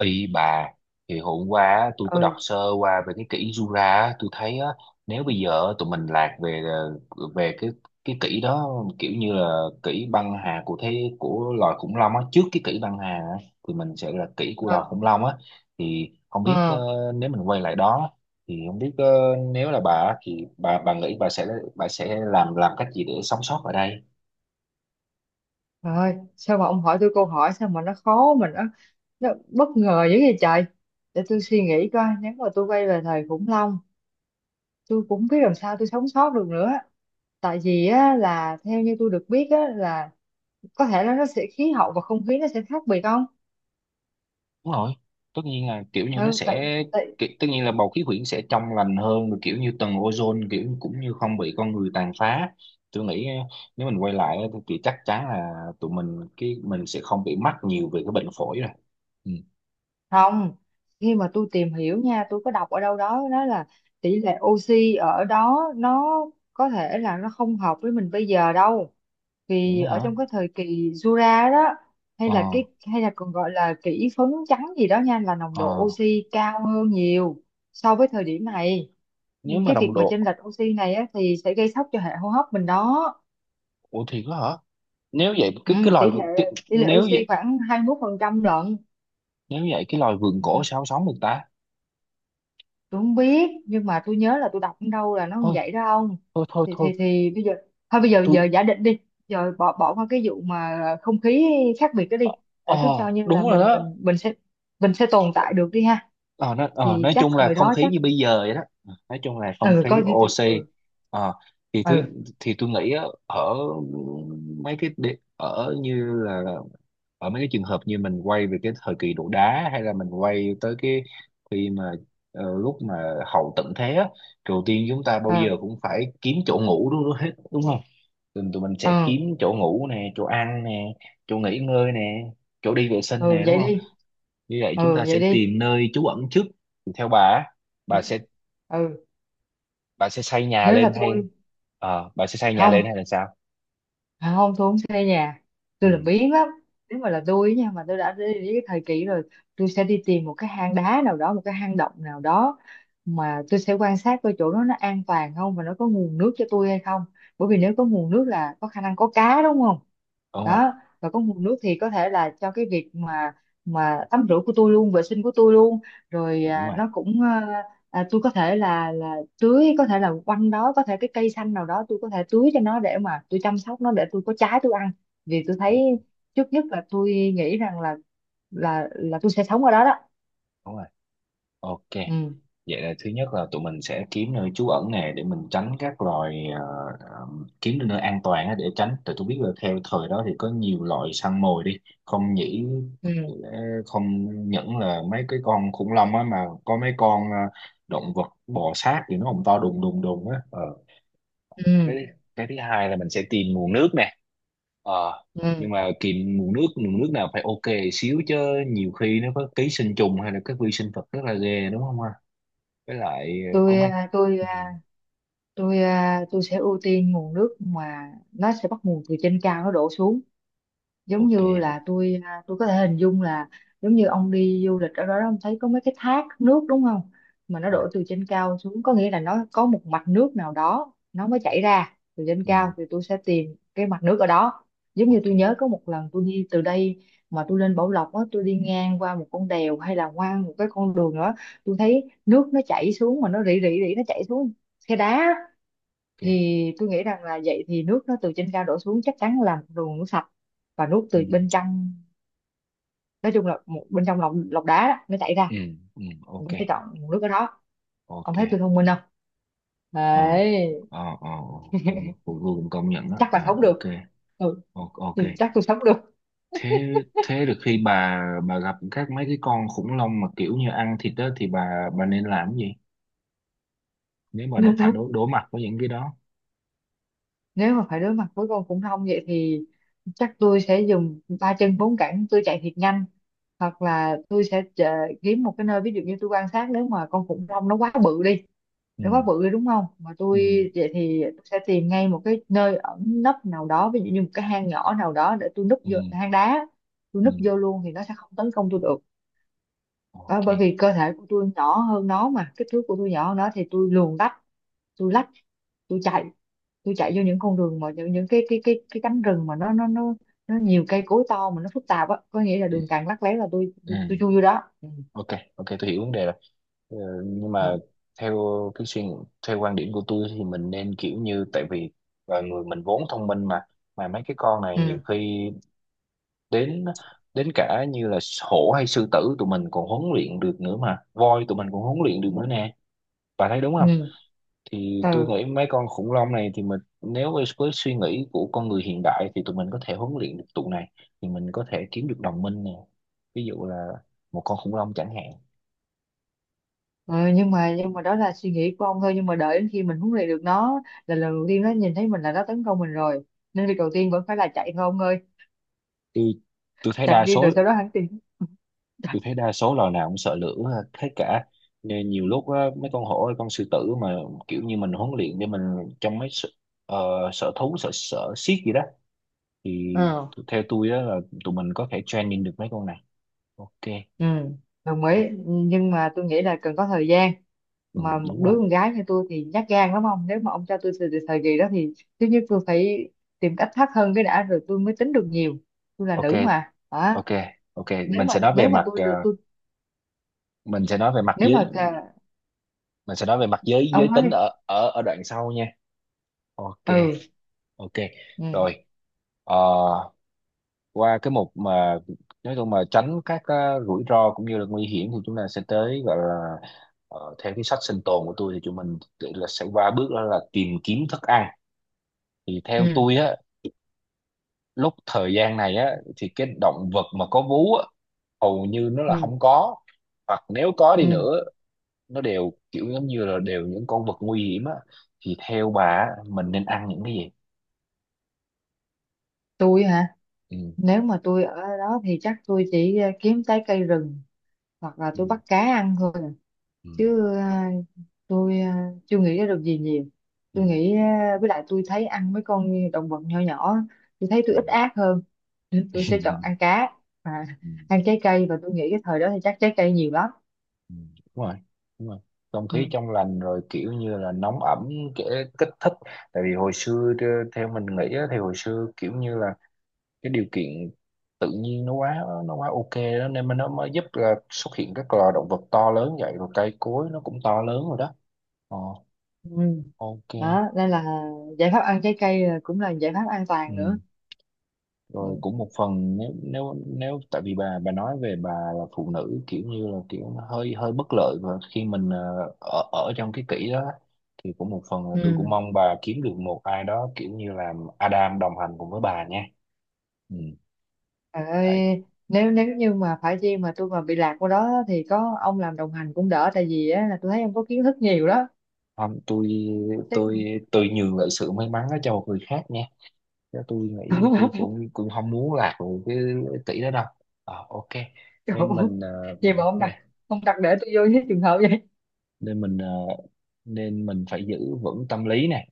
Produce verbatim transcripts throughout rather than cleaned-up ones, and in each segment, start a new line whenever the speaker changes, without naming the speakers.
Y bà thì hôm qua á, tôi có đọc
Ơi
sơ qua về cái kỷ Jura á, tôi thấy á, nếu bây giờ tụi mình lạc về ờ, về cái cái kỷ đó, kiểu như là kỷ băng hà của thế của loài khủng long á, trước cái kỷ băng hà á, thì mình sẽ là kỷ của
ờ
loài khủng long á. Thì không biết, ờ,
ờ
nếu mình quay lại đó thì không biết, ờ, nếu là bà á, thì bà bà nghĩ bà sẽ bà sẽ làm làm cách gì để sống sót ở đây.
trời ơi, sao mà ông hỏi tôi câu hỏi sao mà nó khó mà nó nó bất ngờ dữ vậy trời. Để tôi suy nghĩ coi, nếu mà tôi quay về thời khủng long tôi cũng không biết làm sao tôi sống sót được nữa. Tại vì á, là theo như tôi được biết á, là có thể là nó sẽ khí hậu và không khí nó sẽ khác biệt không.
Đúng rồi, tất nhiên là kiểu như nó
Ừ,
sẽ
tại, tại
ki- tất nhiên là bầu khí quyển sẽ trong lành hơn rồi, kiểu như tầng ozone kiểu cũng như không bị con người tàn phá. Tôi nghĩ eh, nếu mình quay lại thì thì chắc chắn là tụi mình cái mình sẽ không bị mắc nhiều về cái bệnh phổi rồi. Ừ,
không. Khi mà tôi tìm hiểu nha, tôi có đọc ở đâu đó, đó là tỷ lệ oxy ở đó nó có thể là nó không hợp với mình bây giờ đâu.
vậy
Thì ở
hả?
trong cái thời kỳ Jura đó, hay
Ờ,
là cái hay là còn gọi là kỷ phấn trắng gì đó nha, là nồng độ
ờ,
oxy cao hơn nhiều so với thời điểm này.
nếu
Ừ,
mà
cái việc
đồng
mà
độ
chênh lệch oxy này á, thì sẽ gây sốc cho hệ hô hấp mình đó.
ủa thì có hả? Nếu vậy
Ừ,
cái cái loài
tỷ lệ
vượn- cái,
tỷ lệ
nếu
oxy
vậy,
khoảng hai mươi mốt phần trăm lận.
nếu vậy cái loài vượn
Ừ.
cổ sao sống được ta?
Tôi không biết nhưng mà tôi nhớ là tôi đọc ở đâu là nó như
Thôi,
vậy đó ông.
thôi thôi
thì
thôi.
thì thì bây giờ, thôi bây giờ giờ
Tôi
giả định đi, giờ bỏ bỏ qua cái vụ mà không khí khác biệt đó
ờ,
đi. Ờ,
ờ,
cứ cho như
đúng
là
rồi
mình
đó.
mình mình sẽ mình sẽ tồn tại được đi ha.
Ờ, nó, ờ,
Thì
nói
chắc
chung là
thời
không
đó
khí
chắc
như bây giờ vậy đó, nói chung là không
ừ
khí
coi như từ-
ô xê.
ừ
Ờ, thì thứ
ừ
thì tôi nghĩ á, ở mấy cái địa- ở như là ở mấy cái trường hợp như mình quay về cái thời kỳ đồ đá, hay là mình quay tới cái khi mà ờ, lúc mà hậu tận thế á, đầu tiên chúng ta bao giờ
ừ
cũng phải kiếm chỗ ngủ đúng hết, đúng không? Tụi, tụi mình
ừ
sẽ kiếm chỗ ngủ nè, chỗ ăn nè, chỗ nghỉ ngơi nè, chỗ đi vệ sinh
ừ
nè, đúng
vậy
không?
đi,
Như vậy chúng
ừ
ta sẽ
vậy đi.
tìm nơi trú ẩn trước. Thì theo bà á,
ừ
bà sẽ
ừ,
bà sẽ xây nhà
Nếu
lên
là
hay
tôi
ờ, bà sẽ xây nhà lên hay
không.
là sao?
À, không, tôi không xây nhà,
Ừ,
tôi là biến lắm. Nếu mà là tôi nha, mà tôi đã đi đến cái thời kỳ rồi, tôi sẽ đi tìm một cái hang đá nào đó, một cái hang động nào đó, mà tôi sẽ quan sát coi chỗ đó nó an toàn không và nó có nguồn nước cho tôi hay không. Bởi vì nếu có nguồn nước là có khả năng có cá đúng không.
đúng rồi,
Đó, và có nguồn nước thì có thể là cho cái việc mà mà tắm rửa của tôi luôn, vệ sinh của tôi luôn. rồi
đúng
à,
rồi,
nó cũng à, à, tôi có thể là là tưới, có thể là quanh đó có thể cái cây xanh nào đó tôi có thể tưới cho nó để mà tôi chăm sóc nó để tôi có trái tôi ăn. Vì tôi
đúng,
thấy trước nhất là tôi nghĩ rằng là là là tôi sẽ sống ở đó đó.
đúng rồi. Ok,
ừ
vậy là thứ nhất là tụi mình sẽ kiếm nơi trú ẩn nè, để mình tránh các loài ờ, ờ, kiếm được nơi an toàn á, để tránh, tại tôi biết là theo thời đó thì có nhiều loại săn mồi đi, không nhỉ?
ừ
Ờ, không, những là mấy cái con khủng long á mà có mấy con ờ, động vật bò sát thì nó cũng to đùng đùng đùng á. Ờ,
ừ
cái cái thứ hai là mình sẽ tìm nguồn nước nè. Ờ, nhưng
ừ
mà tìm nguồn nước, nguồn nước nào phải ok xíu chứ, nhiều khi nó có ký sinh trùng hay là các vi sinh vật rất là ghê, đúng không ha? Với lại ờ, có
tôi
mấy
à, tôi
ừ,
à, tôi à, tôi sẽ ưu tiên nguồn nước mà nó sẽ bắt nguồn từ trên cao nó đổ xuống. Giống
ok
như
nè.
là tôi à, tôi có thể hình dung là giống như ông đi du lịch ở đó ông thấy có mấy cái thác nước đúng không, mà nó
À,
đổ từ trên cao xuống có nghĩa là nó có một mạch nước nào đó nó mới chảy ra từ trên
ừ,
cao, thì tôi sẽ tìm cái mạch nước ở đó. Giống như tôi nhớ
ok.
có một lần tôi đi từ đây mà tôi lên Bảo Lộc á, tôi đi ngang qua một con đèo hay là qua một cái con đường nữa, tôi thấy nước nó chảy xuống mà nó rỉ rỉ rỉ nó chảy xuống khe đá.
Ok.
Thì tôi nghĩ rằng là vậy thì nước nó từ trên cao đổ xuống chắc chắn là một nguồn nước sạch, và nước từ
Ừ,
bên trong, nói chung là một bên trong lọc lọc đá đó, nó chảy ra.
ừ, ừ, ok.
Mình sẽ chọn nguồn nước ở đó. Ông
Ok.
thấy tôi thông minh không?
Ờ,
Đấy.
ờ, ờ, ờ, tôi tôi cũng công nhận đó.
Chắc là
À,
sống
ok.
được. Ừ.
O- ok.
Ừ, chắc tôi sống được.
Thế, thế được, khi bà bà gặp các mấy cái con khủng long mà kiểu như ăn thịt đó thì bà bà nên làm cái gì nếu mà đột phải đối đối mặt với những cái đó?
Nếu mà phải đối mặt với con khủng long vậy thì chắc tôi sẽ dùng ba chân bốn cẳng tôi chạy thiệt nhanh, hoặc là tôi sẽ chờ, kiếm một cái nơi, ví dụ như tôi quan sát nếu mà con khủng long nó quá bự đi,
Ừ.
để quá bự đi đúng không mà tôi
Ừ.
vậy thì tôi sẽ tìm ngay một cái nơi ẩn nấp nào đó, ví dụ như một cái hang nhỏ nào đó để tôi núp
Ừ.
vô hang đá, tôi
Ừ.
núp vô luôn thì nó sẽ không tấn công tôi được. Đó,
Ok.
bởi vì cơ thể của tôi nhỏ hơn nó, mà kích thước của tôi nhỏ hơn nó thì tôi luồn lách, tôi lách, tôi chạy tôi chạy vô những con đường mà những, những cái cái cái cái cánh rừng mà nó nó nó nó nhiều cây cối to mà nó phức tạp á, có nghĩa là
Ừ.
đường càng lắt léo là tôi tôi, tôi
Ừ.
chui vô đó, ừ.
Ok. Ok, tôi hiểu vấn đề rồi. Ờ, nhưng
Ừ.
mà theo cái suy theo quan điểm của tôi thì mình nên kiểu như, tại vì là người mình vốn thông minh mà mà mấy cái con này nhiều
Ừ.
khi đến, đến cả như là hổ hay sư tử tụi mình còn huấn luyện được nữa mà, voi tụi mình còn huấn luyện được
Ừ.
nữa nè, bà thấy đúng
Ừ.
không? Thì tôi
ừ.
nghĩ mấy con khủng long này thì mình nếu với với suy nghĩ của con người hiện đại thì tụi mình có thể huấn luyện được tụi này, thì mình có thể kiếm được đồng minh nè, ví dụ là một con khủng long chẳng hạn.
Ờ, nhưng mà nhưng mà đó là suy nghĩ của ông thôi, nhưng mà đợi đến khi mình huấn luyện được nó, là lần đầu tiên nó nhìn thấy mình là nó tấn công mình rồi, nên việc đầu tiên vẫn phải là chạy thôi ông ơi.
Tôi, tôi thấy
Chạy
đa
đi
số,
rồi sau đó hắn tìm. Trời,
tôi thấy đa số loài nào cũng sợ lửa hết. Thế cả nên nhiều lúc á, mấy con hổ hay con sư tử mà kiểu như mình huấn luyện để mình trong mấy sở, uh, sở thú, sở sở xiếc gì đó, thì
ờ
t- theo tôi á là tụi mình có thể training được mấy con này. Ok.
Ừ, đồng
Ờ,
ý, nhưng mà tôi nghĩ là cần có thời gian.
ừ,
Mà một
đúng rồi.
đứa con gái như tôi thì nhát gan lắm ông, nếu mà ông cho tôi từ, từ thời kỳ đó thì thứ nhất tôi phải tìm cách thoát thân cái đã rồi tôi mới tính được nhiều. Tôi là
Ok.
nữ mà hả?
Ok. Ok.
Nếu
Mình
mà
sẽ nói về
nếu mà
mặt
tôi được
ờ,
tôi
mình sẽ nói về mặt
nếu
giới
mà cả-
mình sẽ nói về mặt giới giới
Ông nói
tính
đi.
ở ở ở đoạn sau nha. Ok.
ừ
Ok.
ừ
Rồi. Ờ, qua cái mục mà nói chung mà tránh các ờ, rủi ro cũng như là nguy hiểm thì chúng ta sẽ tới gọi là ờ, theo cái sách sinh tồn của tôi thì chúng mình tự là sẽ qua bước đó là tìm kiếm thức ăn. Thì theo
ừ
tôi á, lúc thời gian này á,
ừ
thì cái động vật mà có vú á hầu như nó là
ừ
không có, hoặc nếu có đi nữa
Ừ,
nó đều kiểu giống như là đều những con vật nguy hiểm á. Thì theo bà á, mình nên ăn những cái gì?
tôi hả?
Ừ,
Nếu mà tôi ở đó thì chắc tôi chỉ ờ, kiếm trái cây rừng, hoặc là
ừ,
tôi bắt cá ăn thôi. À.
ừ,
Chứ ờ, tôi ờ, chưa nghĩ ra được gì nhiều.
ừ,
Tôi nghĩ ờ, với lại tôi thấy ăn mấy con động vật nhỏ nhỏ, tôi thấy tôi
ừ.
ít ác hơn. Nên tôi sẽ chọn ăn cá và
Ừ,
ăn trái cây, và tôi nghĩ cái thời đó thì chắc trái cây nhiều lắm.
ừ. Đúng rồi, đúng rồi, không khí
Ừ.
trong lành rồi, kiểu như là nóng ẩm, kể kích thích tại vì hồi xưa tơ- theo mình nghĩ á, thì hồi xưa kiểu như là cái điều kiện tự nhiên nó quá, nó quá ok đó, nên mà nó mới giúp là xuất hiện các loài động vật to lớn vậy, rồi cây cối nó cũng to lớn rồi đó. Ờ,
Ừ.
ok.
Đó, nên là giải pháp ăn trái cây là cũng là giải pháp an toàn
Ừ,
nữa.
rồi
Ừ.
cũng một phần, nếu nếu nếu tại vì bà bà nói về bà là phụ nữ, kiểu như là kiểu nó hơi, hơi bất lợi và khi mình ờ, ở ở trong cái kỷ đó, thì cũng một phần là tôi
Ừ.
cũng mong bà kiếm được một ai đó kiểu như là Adam đồng hành cùng với bà nha. Ừ.
Trời
Tại,
ơi, nếu nếu như mà phải chi mà tôi mà bị lạc qua đó thì có ông làm đồng hành cũng đỡ, tại vì á, là tôi thấy ông có kiến thức nhiều đó,
không, tôi
chứ không.
tôi tôi nhường lại sự may mắn đó cho một người khác nha, chứ tôi nghĩ tôi cũng, cũng không muốn lạc vào cái tỷ đó đâu. Ờ, ok,
Trời
nên
ơi,
mình ờ,
gì mà ông đặt
nè,
ông đặt để tôi vô cái trường hợp vậy.
nên mình ờ, nên mình phải giữ vững tâm lý nè,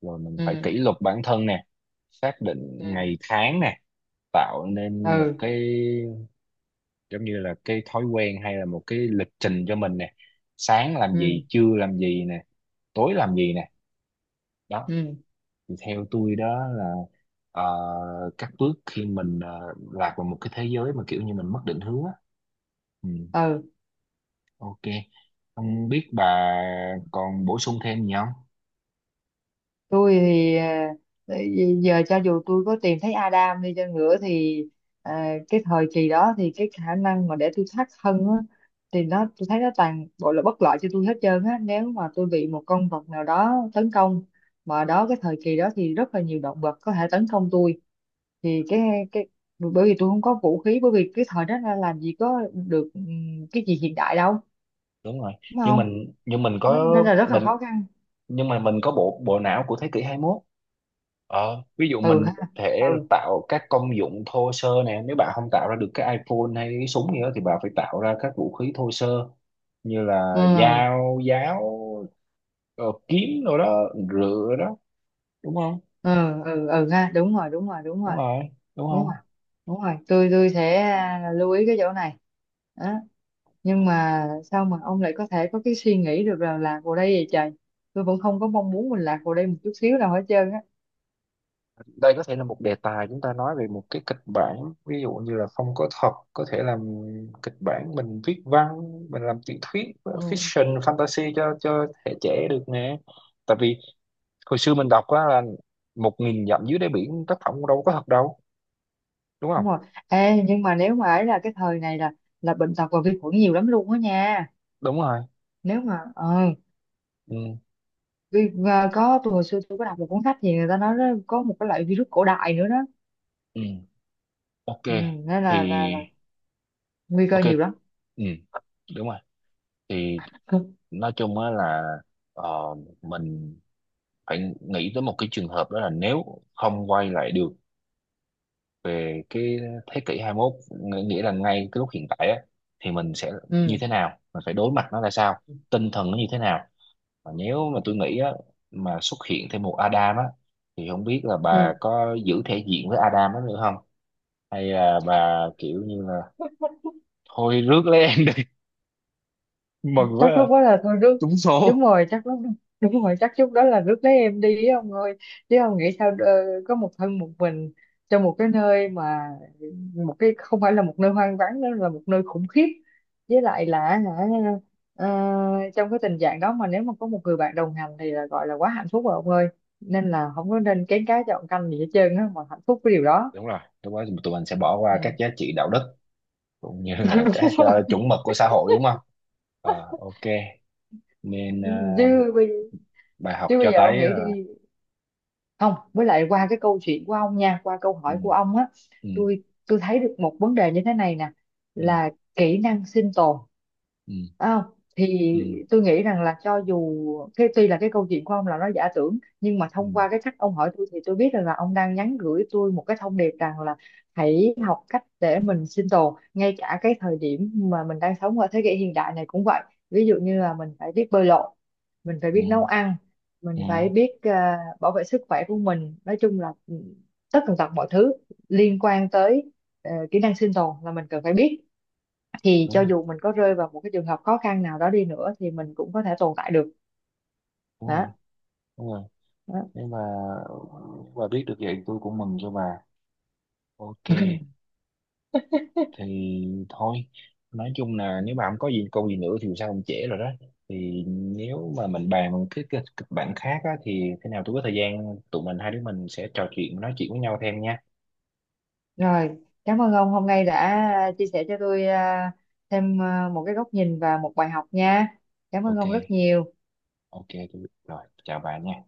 rồi mình phải
ừ
kỷ luật bản thân nè, xác định
ừ
ngày tháng nè, tạo nên một
ừ
cái giống như là cái thói quen hay là một cái lịch trình cho mình nè, sáng làm
ừ
gì, trưa làm gì nè, tối làm gì nè. Đó,
ừ
thì theo tôi đó là ờ, các bước khi mình ờ, lạc vào một cái thế giới mà kiểu như mình mất định hướng á. Ừ,
ừ
ok, không biết bà còn bổ sung thêm gì không?
tôi thì à, giờ cho dù tôi có tìm thấy Adam đi chăng nữa thì à, cái thời kỳ đó thì cái khả năng mà để tôi thoát thân á, thì nó tôi thấy nó toàn bộ là bất lợi cho tôi hết trơn á, nếu mà tôi bị một con vật nào đó tấn công. Mà đó, cái thời kỳ đó thì rất là nhiều động vật có thể tấn công tôi. Thì cái cái bởi vì tôi không có vũ khí, bởi vì cái thời đó là làm gì có được ừm, cái gì hiện đại đâu,
Đúng rồi,
đúng
nhưng
không?
mình nhưng mình
Đó,
có
nên là rất là
mình
khó khăn.
nhưng mà mình có bộ bộ não của thế kỷ hai mươi mốt. Ờ, ví dụ
Ừ
mình có
ha
thể
ừ
tạo các công dụng thô sơ nè, nếu bạn không tạo ra được cái iPhone hay cái súng gì đó thì bạn phải tạo ra các vũ khí thô sơ như là
ừ
dao, giáo, ờ, kiếm rồi đó, rựa đó, đúng không?
ừ ừ Ừ ha, đúng rồi đúng rồi đúng rồi,
Đúng rồi, đúng
đúng rồi
không?
đúng rồi, tôi tôi sẽ à, lưu ý cái chỗ này. Đó. Nhưng mà sao mà ông lại có thể có cái suy nghĩ được là lạc vào đây vậy trời, tôi vẫn không có mong muốn mình lạc vào đây một chút xíu nào hết trơn á.
Đây có thể là một đề tài chúng ta nói về một cái kịch bản, ví dụ như là không có thật, có thể làm kịch bản, mình viết văn, mình làm tiểu thuyết
Ừ,
fiction fantasy cho cho thế hệ trẻ được nè. Tại vì hồi xưa mình đọc á là một nghìn dặm dưới đáy biển, tác phẩm đâu có thật đâu, đúng không?
đúng rồi. Ê, nhưng mà nếu mà ấy là cái thời này là là bệnh tật và vi khuẩn nhiều lắm luôn á nha.
Đúng rồi.
Nếu mà ờ
Ừ,
vi- và có, tôi hồi xưa tôi có đọc một cuốn sách gì người ta nói đó, có một cái loại virus cổ đại nữa đó.
ừ, ok.
Ừ, nên
Thì
là, là, là nguy cơ
ok,
nhiều lắm.
ừ, đúng rồi. Thì nói chung á là, ờ, mình phải nghĩ tới một cái trường hợp, đó là nếu không quay lại được về cái thế kỷ hai mươi mốt, ng- nghĩa là ngay cái lúc hiện tại á, thì mình sẽ như
ừ.
thế nào, mình phải đối mặt nó ra sao, tinh thần nó như thế nào. Mà nếu mà tôi nghĩ á, mà xuất hiện thêm một Adam á, thì không biết là
Ừ.
bà có giữ thể diện với Adam đó nữa không, hay là bà kiểu như là thôi rước lấy em đi mừng quá
Chắc lúc đó
à.
là thôi rước, đúng rồi chắc lúc đúng rồi chắc lúc đó là rước lấy em đi ấy ông ơi. Chứ ông nghĩ sao, ờ, có một thân một mình trong một cái nơi mà một cái không phải là một nơi hoang vắng nữa, là một nơi khủng khiếp, với lại là hả, ờ, trong cái tình trạng đó mà nếu mà có một người bạn đồng hành thì là gọi là quá hạnh phúc rồi ông ơi. Nên là không có nên kén cá chọn canh gì hết trơn á, mà hạnh phúc với điều đó.
Đúng rồi, lúc đó tụi mình sẽ bỏ qua các
Ừ.
giá trị đạo đức cũng như
Đúng
là các
rồi.
ờ, chuẩn mực của xã hội, đúng không? Ờ, ok, nên ờ,
chứ bây
bài học
Chứ bây
cho
giờ
thấy
ông nghĩ
là
đi. Không, với lại qua cái câu chuyện của ông nha, qua câu
ừ,
hỏi của ông á,
ừ,
tôi tôi thấy được một vấn đề như thế này nè,
ừ,
là kỹ năng sinh tồn.
ừ.
Phải. Thì
Ừ,
tôi nghĩ rằng là cho dù cái tuy là cái câu chuyện của ông là nó giả tưởng, nhưng mà
ừ,
thông qua cái cách ông hỏi tôi thì tôi biết rằng là ông đang nhắn gửi tôi một cái thông điệp rằng là hãy học cách để mình sinh tồn ngay cả cái thời điểm mà mình đang sống ở thế kỷ hiện đại này cũng vậy. Ví dụ như là mình phải biết bơi lội, mình phải
ừ,
biết nấu ăn,
ừ,
mình phải biết à, bảo vệ sức khỏe của mình, nói chung là ừ, tất tần tật mọi thứ liên quan tới ờ, kỹ năng sinh tồn là mình cần phải biết. Thì
đúng
cho
rồi,
dù mình có rơi vào một cái trường hợp khó khăn nào đó đi nữa thì mình cũng có thể tồn tại được.
đúng rồi,
Đó,
đúng rồi.
đó.
Nhưng mà bà biết được vậy tôi cũng mừng cho bà. Ok, thì thôi, nói chung là nếu mà không có gì câu gì nữa thì sao cũng trễ rồi đó, thì nếu mà mình bàn một cái cái kịch bản khác á, thì thế nào tôi có thời gian tụi mình hai đứa mình sẽ trò chuyện, nói chuyện với nhau thêm nha.
Rồi, cảm ơn ông hôm nay đã chia sẻ cho tôi à, thêm à, một cái góc nhìn và một bài học nha. Cảm ơn
Ok.
ông rất nhiều.
Ok, tôi biết rồi, chào bà nha.